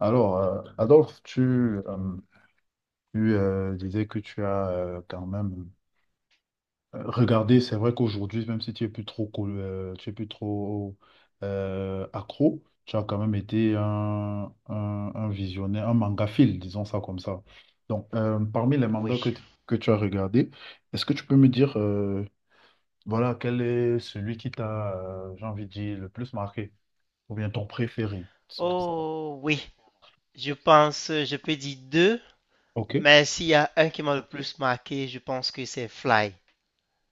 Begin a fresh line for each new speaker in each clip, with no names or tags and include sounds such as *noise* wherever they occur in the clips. Alors, Adolphe, disais que tu as quand même regardé. C'est vrai qu'aujourd'hui, même si tu es plus trop, tu es plus trop accro, tu as quand même été un visionnaire, un mangaphile, disons ça comme ça. Donc, parmi les
Oui.
mangas que tu as regardés, est-ce que tu peux me dire, voilà, quel est celui qui t'a, j'ai envie de dire, le plus marqué, ou bien ton préféré?
Oh oui. Je pense, je peux dire deux,
Ok,
mais s'il y a un qui m'a le plus marqué, je pense que c'est Fly.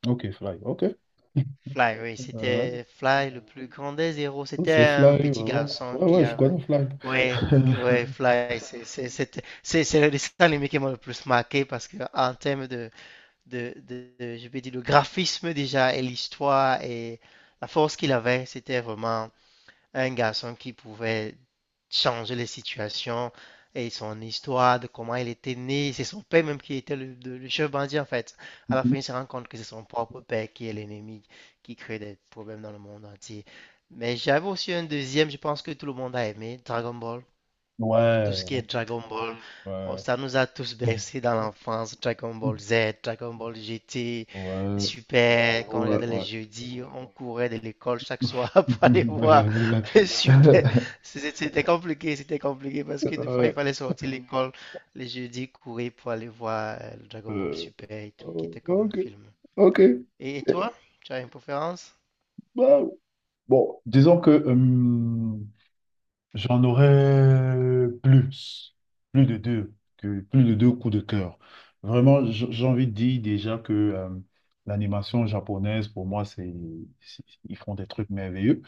ok, fly, ok.
Fly, oui, c'était
*laughs*
Fly, le plus grand des héros.
Oh,
C'était
c'est
un
Fly, ouais,
petit
ouais,
garçon
ouais,
qui
ouais, je
avait.
connais Fly.
Ouais,
*laughs*
ouais, Fly, c'est le dessin animé qui m'a le plus marqué parce que en termes de, je vais dire, le graphisme déjà et l'histoire et la force qu'il avait, c'était vraiment un garçon qui pouvait changer les situations et son histoire de comment il était né. C'est son père même qui était le le chef bandit en fait. À la fin, il se rend compte que c'est son propre père qui est l'ennemi, qui crée des problèmes dans le monde entier. Mais j'avais aussi un deuxième, je pense que tout le monde a aimé, Dragon Ball. Tout
Ouais,
ce qui est Dragon Ball, oh,
ouais,
ça nous a tous bercés dans l'enfance. Dragon Ball Z, Dragon Ball GT,
ouais,
Super, quand on
ouais,
regardait les
ouais.
jeudis, on courait de l'école chaque soir *laughs* pour aller voir le Super.
*laughs*
C'était c'était compliqué parce que des fois, il
Ouais,
fallait sortir de l'école les jeudis, courir pour aller voir le Dragon Ball
euh,
Super et tout, qui était comme un
ok,
film.
ok. Eh,
Et toi, tu as une préférence?
bah, bon, disons que, j'en aurais plus, plus de deux coups de cœur. Vraiment, j'ai envie de dire déjà que l'animation japonaise, pour moi, c'est- ils font des trucs merveilleux.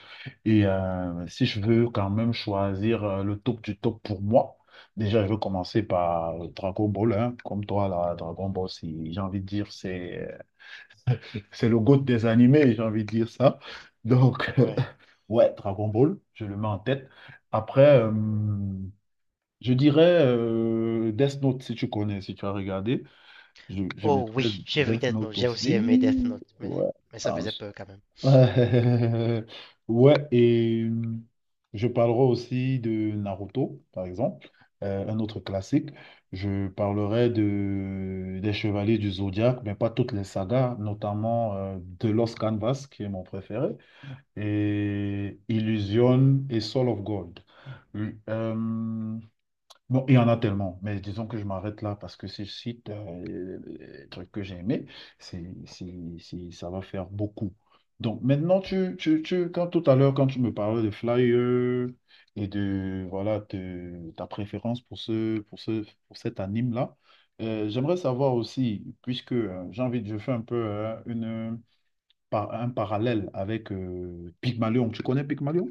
Et si je veux quand même choisir le top du top pour moi, déjà, je veux commencer par Dragon Ball, hein. Comme toi, là, j'ai envie de dire, c'est le GOAT des animés, j'ai envie de dire ça. Donc, *laughs*
Ouais.
ouais, Dragon Ball, je le mets en tête. Après, je dirais Death Note, si tu connais, si tu as regardé. Je
Oh
mettrais
oui, j'ai vu
Death
Death Note,
Note
j'ai aussi aimé Death
aussi.
Note,
Ouais.
mais ça faisait peur quand même.
Euh, *laughs* ouais, et je parlerai aussi de Naruto, par exemple, un autre classique. Je parlerai des Chevaliers du Zodiaque, mais pas toutes les sagas, notamment The Lost Canvas, qui est mon préféré, et Illusion et Soul of Gold. Euh, Bon, il y en a tellement, mais disons que je m'arrête là parce que si je cite les trucs que j'ai aimés, ça va faire beaucoup. Donc maintenant, quand tout à l'heure, quand tu me parlais de Flyer et de voilà ta préférence pour cet anime-là, j'aimerais savoir aussi, puisque j'ai envie de, je fais un peu un parallèle avec Pygmalion. Tu connais Pygmalion?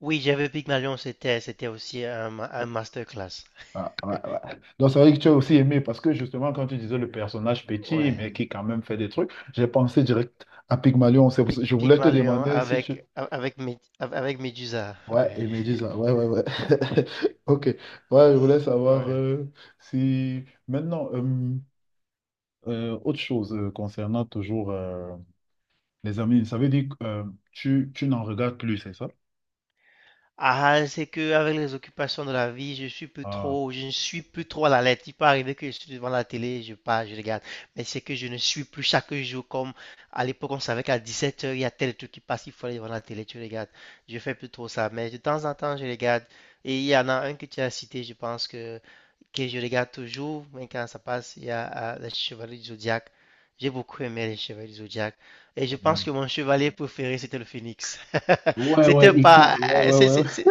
Oui, j'avais Pygmalion, c'était c'était aussi un, un masterclass.
Ah, ouais, ouais. Donc, c'est vrai que tu as aussi aimé parce que justement, quand tu disais le personnage petit,
Ouais.
mais qui quand même fait des trucs, j'ai pensé direct à Pygmalion. Je voulais te
Pygmalion
demander si tu.
avec avec avec Médusa.
Ouais,
Ouais.
et
*laughs*
Médusa. Ouais, ouais, ouais. *laughs* Ok. Ouais, je voulais savoir
Ouais.
si. Maintenant, autre chose concernant toujours les amis, ça veut dire que tu n'en regardes plus, c'est ça?
Ah, c'est que avec les occupations de la vie, je suis plus
Ah,
trop, je ne suis plus trop à la lettre. Il peut arriver que je suis devant la télé, je pars, je regarde. Mais c'est que je ne suis plus chaque jour comme à l'époque, on savait qu'à 17h, il y a tel truc qui passe, il faut aller devant la télé, tu regardes. Je fais plus trop ça. Mais de temps en temps, je regarde. Et il y en a un que tu as cité, je pense que je regarde toujours, mais quand ça passe, il y a les Chevaliers du Zodiaque. J'ai beaucoup aimé les Chevaliers du Zodiaque. Et je
quand
pense
même.
que mon chevalier préféré, c'était le Phénix. *laughs*
Ouais,
C'était
ouais, et qui...
pas.
ouais, ouais, ouais. Ouais.
C'est- c'est-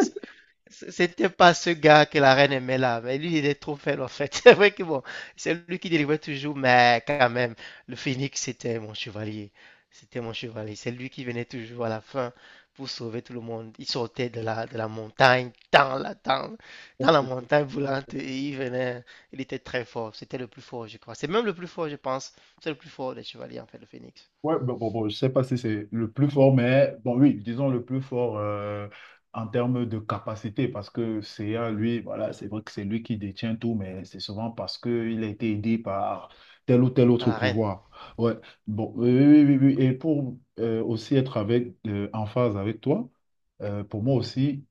C- C'était pas ce gars que la reine aimait là, mais lui il est trop faible en fait. *laughs* C'est vrai que bon, c'est lui qui délivrait toujours, mais quand même, le phénix c'était mon chevalier. C'était mon chevalier. C'est lui qui venait toujours à la fin pour sauver tout le monde. Il sortait de la montagne, dans la montagne brûlante, et il venait. Il était très fort. C'était le plus fort, je crois. C'est même le plus fort, je pense. C'est le plus fort des chevaliers en fait, le phénix.
Ouais, bon, bon, bon, je sais pas si c'est le plus fort, mais bon, oui, disons le plus fort en termes de capacité, parce que CA, lui, voilà, c'est
Mhm.
vrai que c'est lui qui détient tout, mais c'est souvent parce qu'il a été aidé par tel ou tel
À
autre
la reine.
pouvoir. Ouais, bon, oui, oui, oui, oui. Oui, et pour aussi être avec, en phase avec toi, pour moi aussi,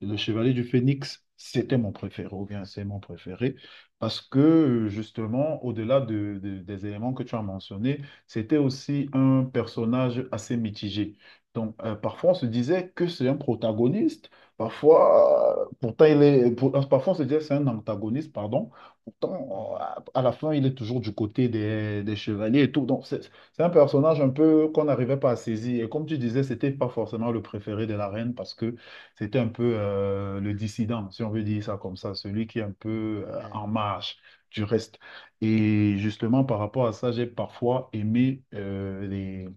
le Chevalier du Phénix, c'était mon préféré, ou bien c'est mon préféré, parce que justement, au-delà des éléments que tu as mentionnés, c'était aussi un personnage assez mitigé. Donc, parfois, on se disait que c'est un protagoniste, parfois, pourtant, il est, pour- parfois, on se disait que c'est un antagoniste, pardon, pourtant,
Mhm.
à la fin, il est toujours du côté des chevaliers et tout. Donc, c'est un personnage un peu qu'on n'arrivait pas à saisir. Et comme tu disais, c'était pas forcément le préféré de la reine parce que c'était un peu le dissident, si on veut dire ça comme ça, celui qui est un peu
Ouais,
en marge du reste. Et justement, par rapport à ça, j'ai parfois aimé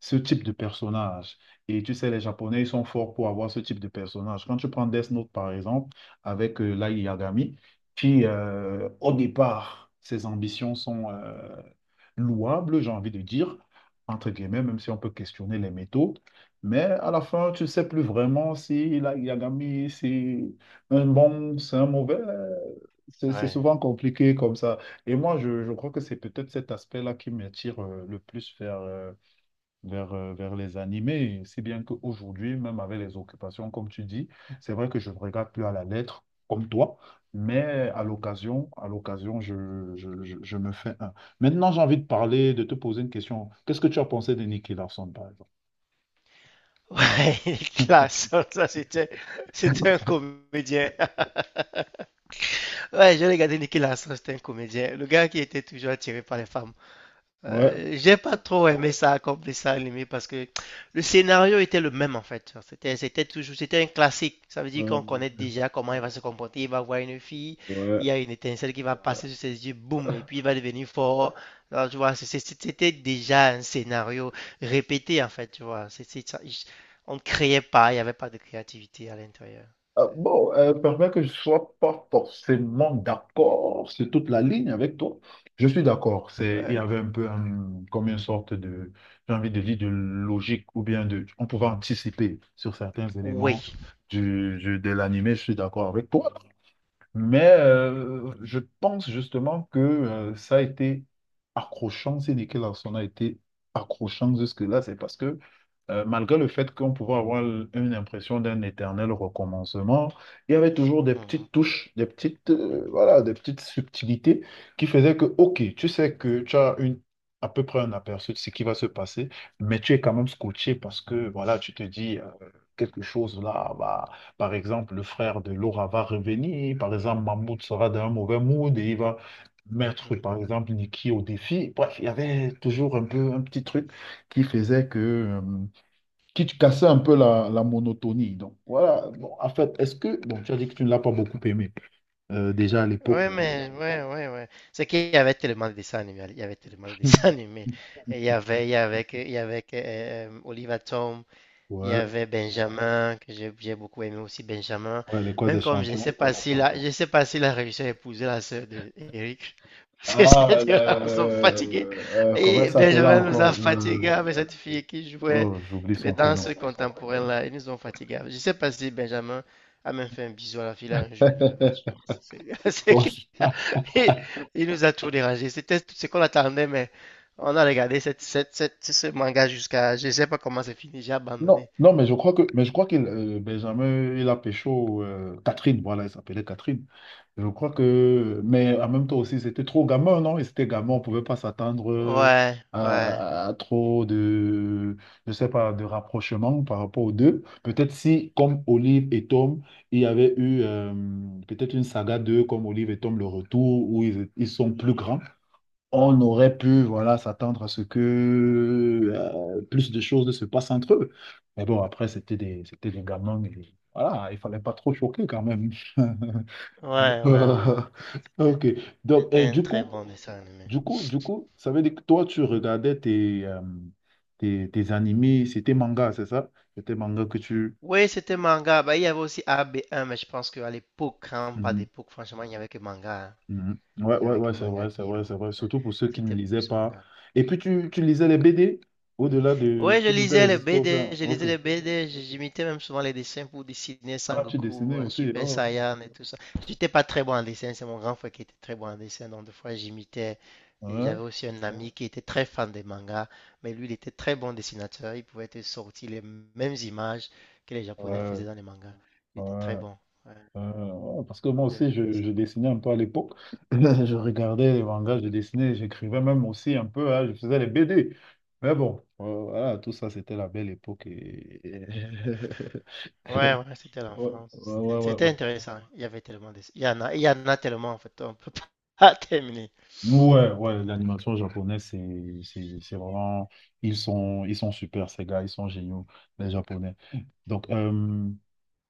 ce type de personnage. Et tu sais, les Japonais, ils sont forts pour avoir ce type de personnage. Quand tu prends Death Note, par exemple, avec Lai Yagami, qui, au départ, ses ambitions sont louables, j'ai envie de dire, entre guillemets, même si on peut questionner les métaux. Mais à la fin, tu ne sais plus vraiment si Light Yagami, c'est un bon, c'est un mauvais. C'est
ouais.
souvent compliqué comme ça. Et moi, je crois que c'est peut-être cet aspect-là qui m'attire le plus vers les animés. Si bien qu'aujourd'hui, même avec les occupations, comme tu dis, c'est vrai que je ne regarde plus à la lettre, comme toi, mais à l'occasion, je me fais un. Maintenant, j'ai envie de parler, de te poser une question. Qu'est-ce que tu as pensé de Nicky Larson, par exemple?
Ouais, *laughs* Nicolas ça c'était, c'était un comédien. *laughs* Ouais, j'ai regardé Nicolas c'était un comédien. Le gars qui était toujours attiré par les femmes.
Ouais,
J'ai pas trop aimé ça comme dessin animé parce que le scénario était le même en fait. C'était, c'était toujours, c'était un classique. Ça veut dire qu'on connaît
euh,
déjà comment il va se comporter. Il va voir une fille,
ouais.
il y a une étincelle qui va passer sur ses yeux, boum, et puis il va devenir fort. Alors, tu vois, c'était déjà un scénario répété en fait, tu vois. C'est ça. On ne créait pas, il n'y avait pas de créativité à l'intérieur. C'est-
Bon, permets que je ne sois pas forcément d'accord sur toute la ligne avec toi. Je suis d'accord. C'est, il y
Ouais.
avait un peu comme une sorte de, j'ai envie de dire, de logique ou bien de, on pouvait anticiper sur certains
Oui.
éléments de l'animé. Je suis d'accord avec toi. Mais je pense justement que ça a été accrochant, si Nicky Larson a été accrochant jusque-là, c'est parce que malgré le fait qu'on pouvait avoir une impression d'un éternel recommencement, il y avait toujours des
Mhm.
petites touches, des petites, voilà, des petites subtilités qui faisaient que, ok, tu sais que tu as une, à peu près un aperçu de ce qui va se passer, mais tu es quand même scotché parce que, voilà, tu te dis quelque chose là, bah. Par exemple, le frère de Laura va revenir. Par exemple, Mahmoud sera dans un mauvais mood et il va mettre,
Mhm.
par exemple, Nikki au défi. Bref, il y avait toujours un peu un petit truc qui faisait que, qui cassait un peu la monotonie. Donc, voilà. Bon, en fait, est-ce que, bon, tu as dit que tu ne l'as pas beaucoup aimé, déjà à l'époque.
Ouais, ouais, ouais. C'est qu'il y avait tellement de dessins animés. Il y avait tellement de dessins *laughs*
*laughs*
animés. Et il y avait que, Oliver Tom. Il y
Ouais,
avait Benjamin, que j'ai beaucoup aimé aussi Benjamin.
ouais, l'école
Même
des
comme je ne
champions.
sais pas s'il a, je sais pas s'il a réussi à épouser la sœur de Eric. *laughs* Parce que ces
Ah,
deux-là nous ont fatigués.
comment elle
Et
s'appelait
Benjamin nous
encore?
a fatigués avec cette fille qui jouait
Oh, j'oublie
les
son prénom.
danses contemporaines là. Ils nous ont fatigués. Je ne sais pas si Benjamin a même fait un bisou à la fille là un jour. Mais
*laughs*
franchement, c'est- *laughs* c'est
Bon,
clair. Et il nous a tout dérangé. C'était tout ce qu'on attendait, mais on a regardé ce manga jusqu'à. Je ne sais pas comment c'est fini. J'ai
non,
abandonné.
non, mais je crois que, mais je crois qu'il, Benjamin, il a pécho Catherine, voilà, il s'appelait Catherine. Je crois que, mais en même temps aussi, c'était trop gamin, non? Et c'était gamin, on pouvait pas s'attendre
Ouais,
à,
ouais.
à trop de, je sais pas, de rapprochement par rapport aux deux. Peut-être si, comme Olive et Tom, il y avait eu peut-être une saga d'eux, comme Olive et Tom, le retour, où ils sont plus
Mhm.
grands on aurait pu voilà, s'attendre à ce que plus de choses se passent entre eux. Mais bon, après, c'était des gamins. Et voilà, il fallait pas trop choquer quand même. *laughs*
Ouais, ouais, ouais,
Euh,
ouais. C'était
ok. Donc,
c'était
et
un
du
très
coup,
bon dessin animé.
du coup, du coup, ça veut dire que toi, tu regardais tes, tes animés, c'était manga, c'est ça? C'était manga que tu...
Oui, c'était manga. Bah, il y avait aussi AB1, mais je pense qu'à l'époque, quand on parle
Mhm.
d'époque, franchement, il n'y avait que manga, hein.
Mhm. Ouais,
Il n'y
ouais,
avait
ouais,
que
c'est
manga
vrai, c'est
qui.
vrai, c'est
Manga.
vrai. Surtout pour ceux qui ne
C'était
lisaient
plus
pas.
manga.
Et puis, tu lisais les BD au-delà de.
Ouais, je
Tu lisais
lisais
les
les
histoires,
BD,
ça.
je lisais
Ok.
les BD, j'imitais même souvent les dessins pour dessiner
Ah, tu dessinais
Sangoku,
aussi.
Super
Oh.
Saiyan et tout ça. J'étais pas très bon en dessin, c'est mon grand frère qui était très bon en dessin, donc des fois j'imitais. Et
Ouais,
j'avais aussi un ami qui était très fan des mangas, mais lui il était très bon dessinateur, il pouvait te sortir les mêmes images que les Japonais
ouais,
faisaient dans les mangas. Il
ouais,
était très bon. Ouais,
ouais. Ouais, parce que moi
j'ai
aussi,
j'ai fait
je
ça.
dessinais un peu à l'époque. *laughs* Je regardais les mangas, je dessinais, j'écrivais même aussi un peu. Hein, je faisais les BD. Mais bon, voilà, tout ça, c'était la belle époque. Et... *laughs*
Ouais, ouais, c'était
ouais,
l'enfance.
ouais, ouais,
C'était
ouais.
c'était
Ouais.
intéressant. Il y avait tellement de... Il y en a, il y en a tellement en fait, on peut *laughs* pas terminer.
Ouais, ouais,
Tellement.
l'animation japonaise, c'est vraiment, ils sont super, ces gars, ils sont géniaux, les Japonais. Donc,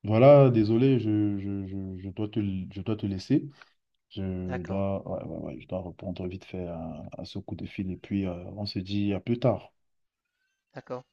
voilà, désolé, je dois te laisser. Je
D'accord,
dois, ouais, ouais, ouais, je dois répondre vite fait à ce coup de fil et puis on se dit à plus tard.
d'accord.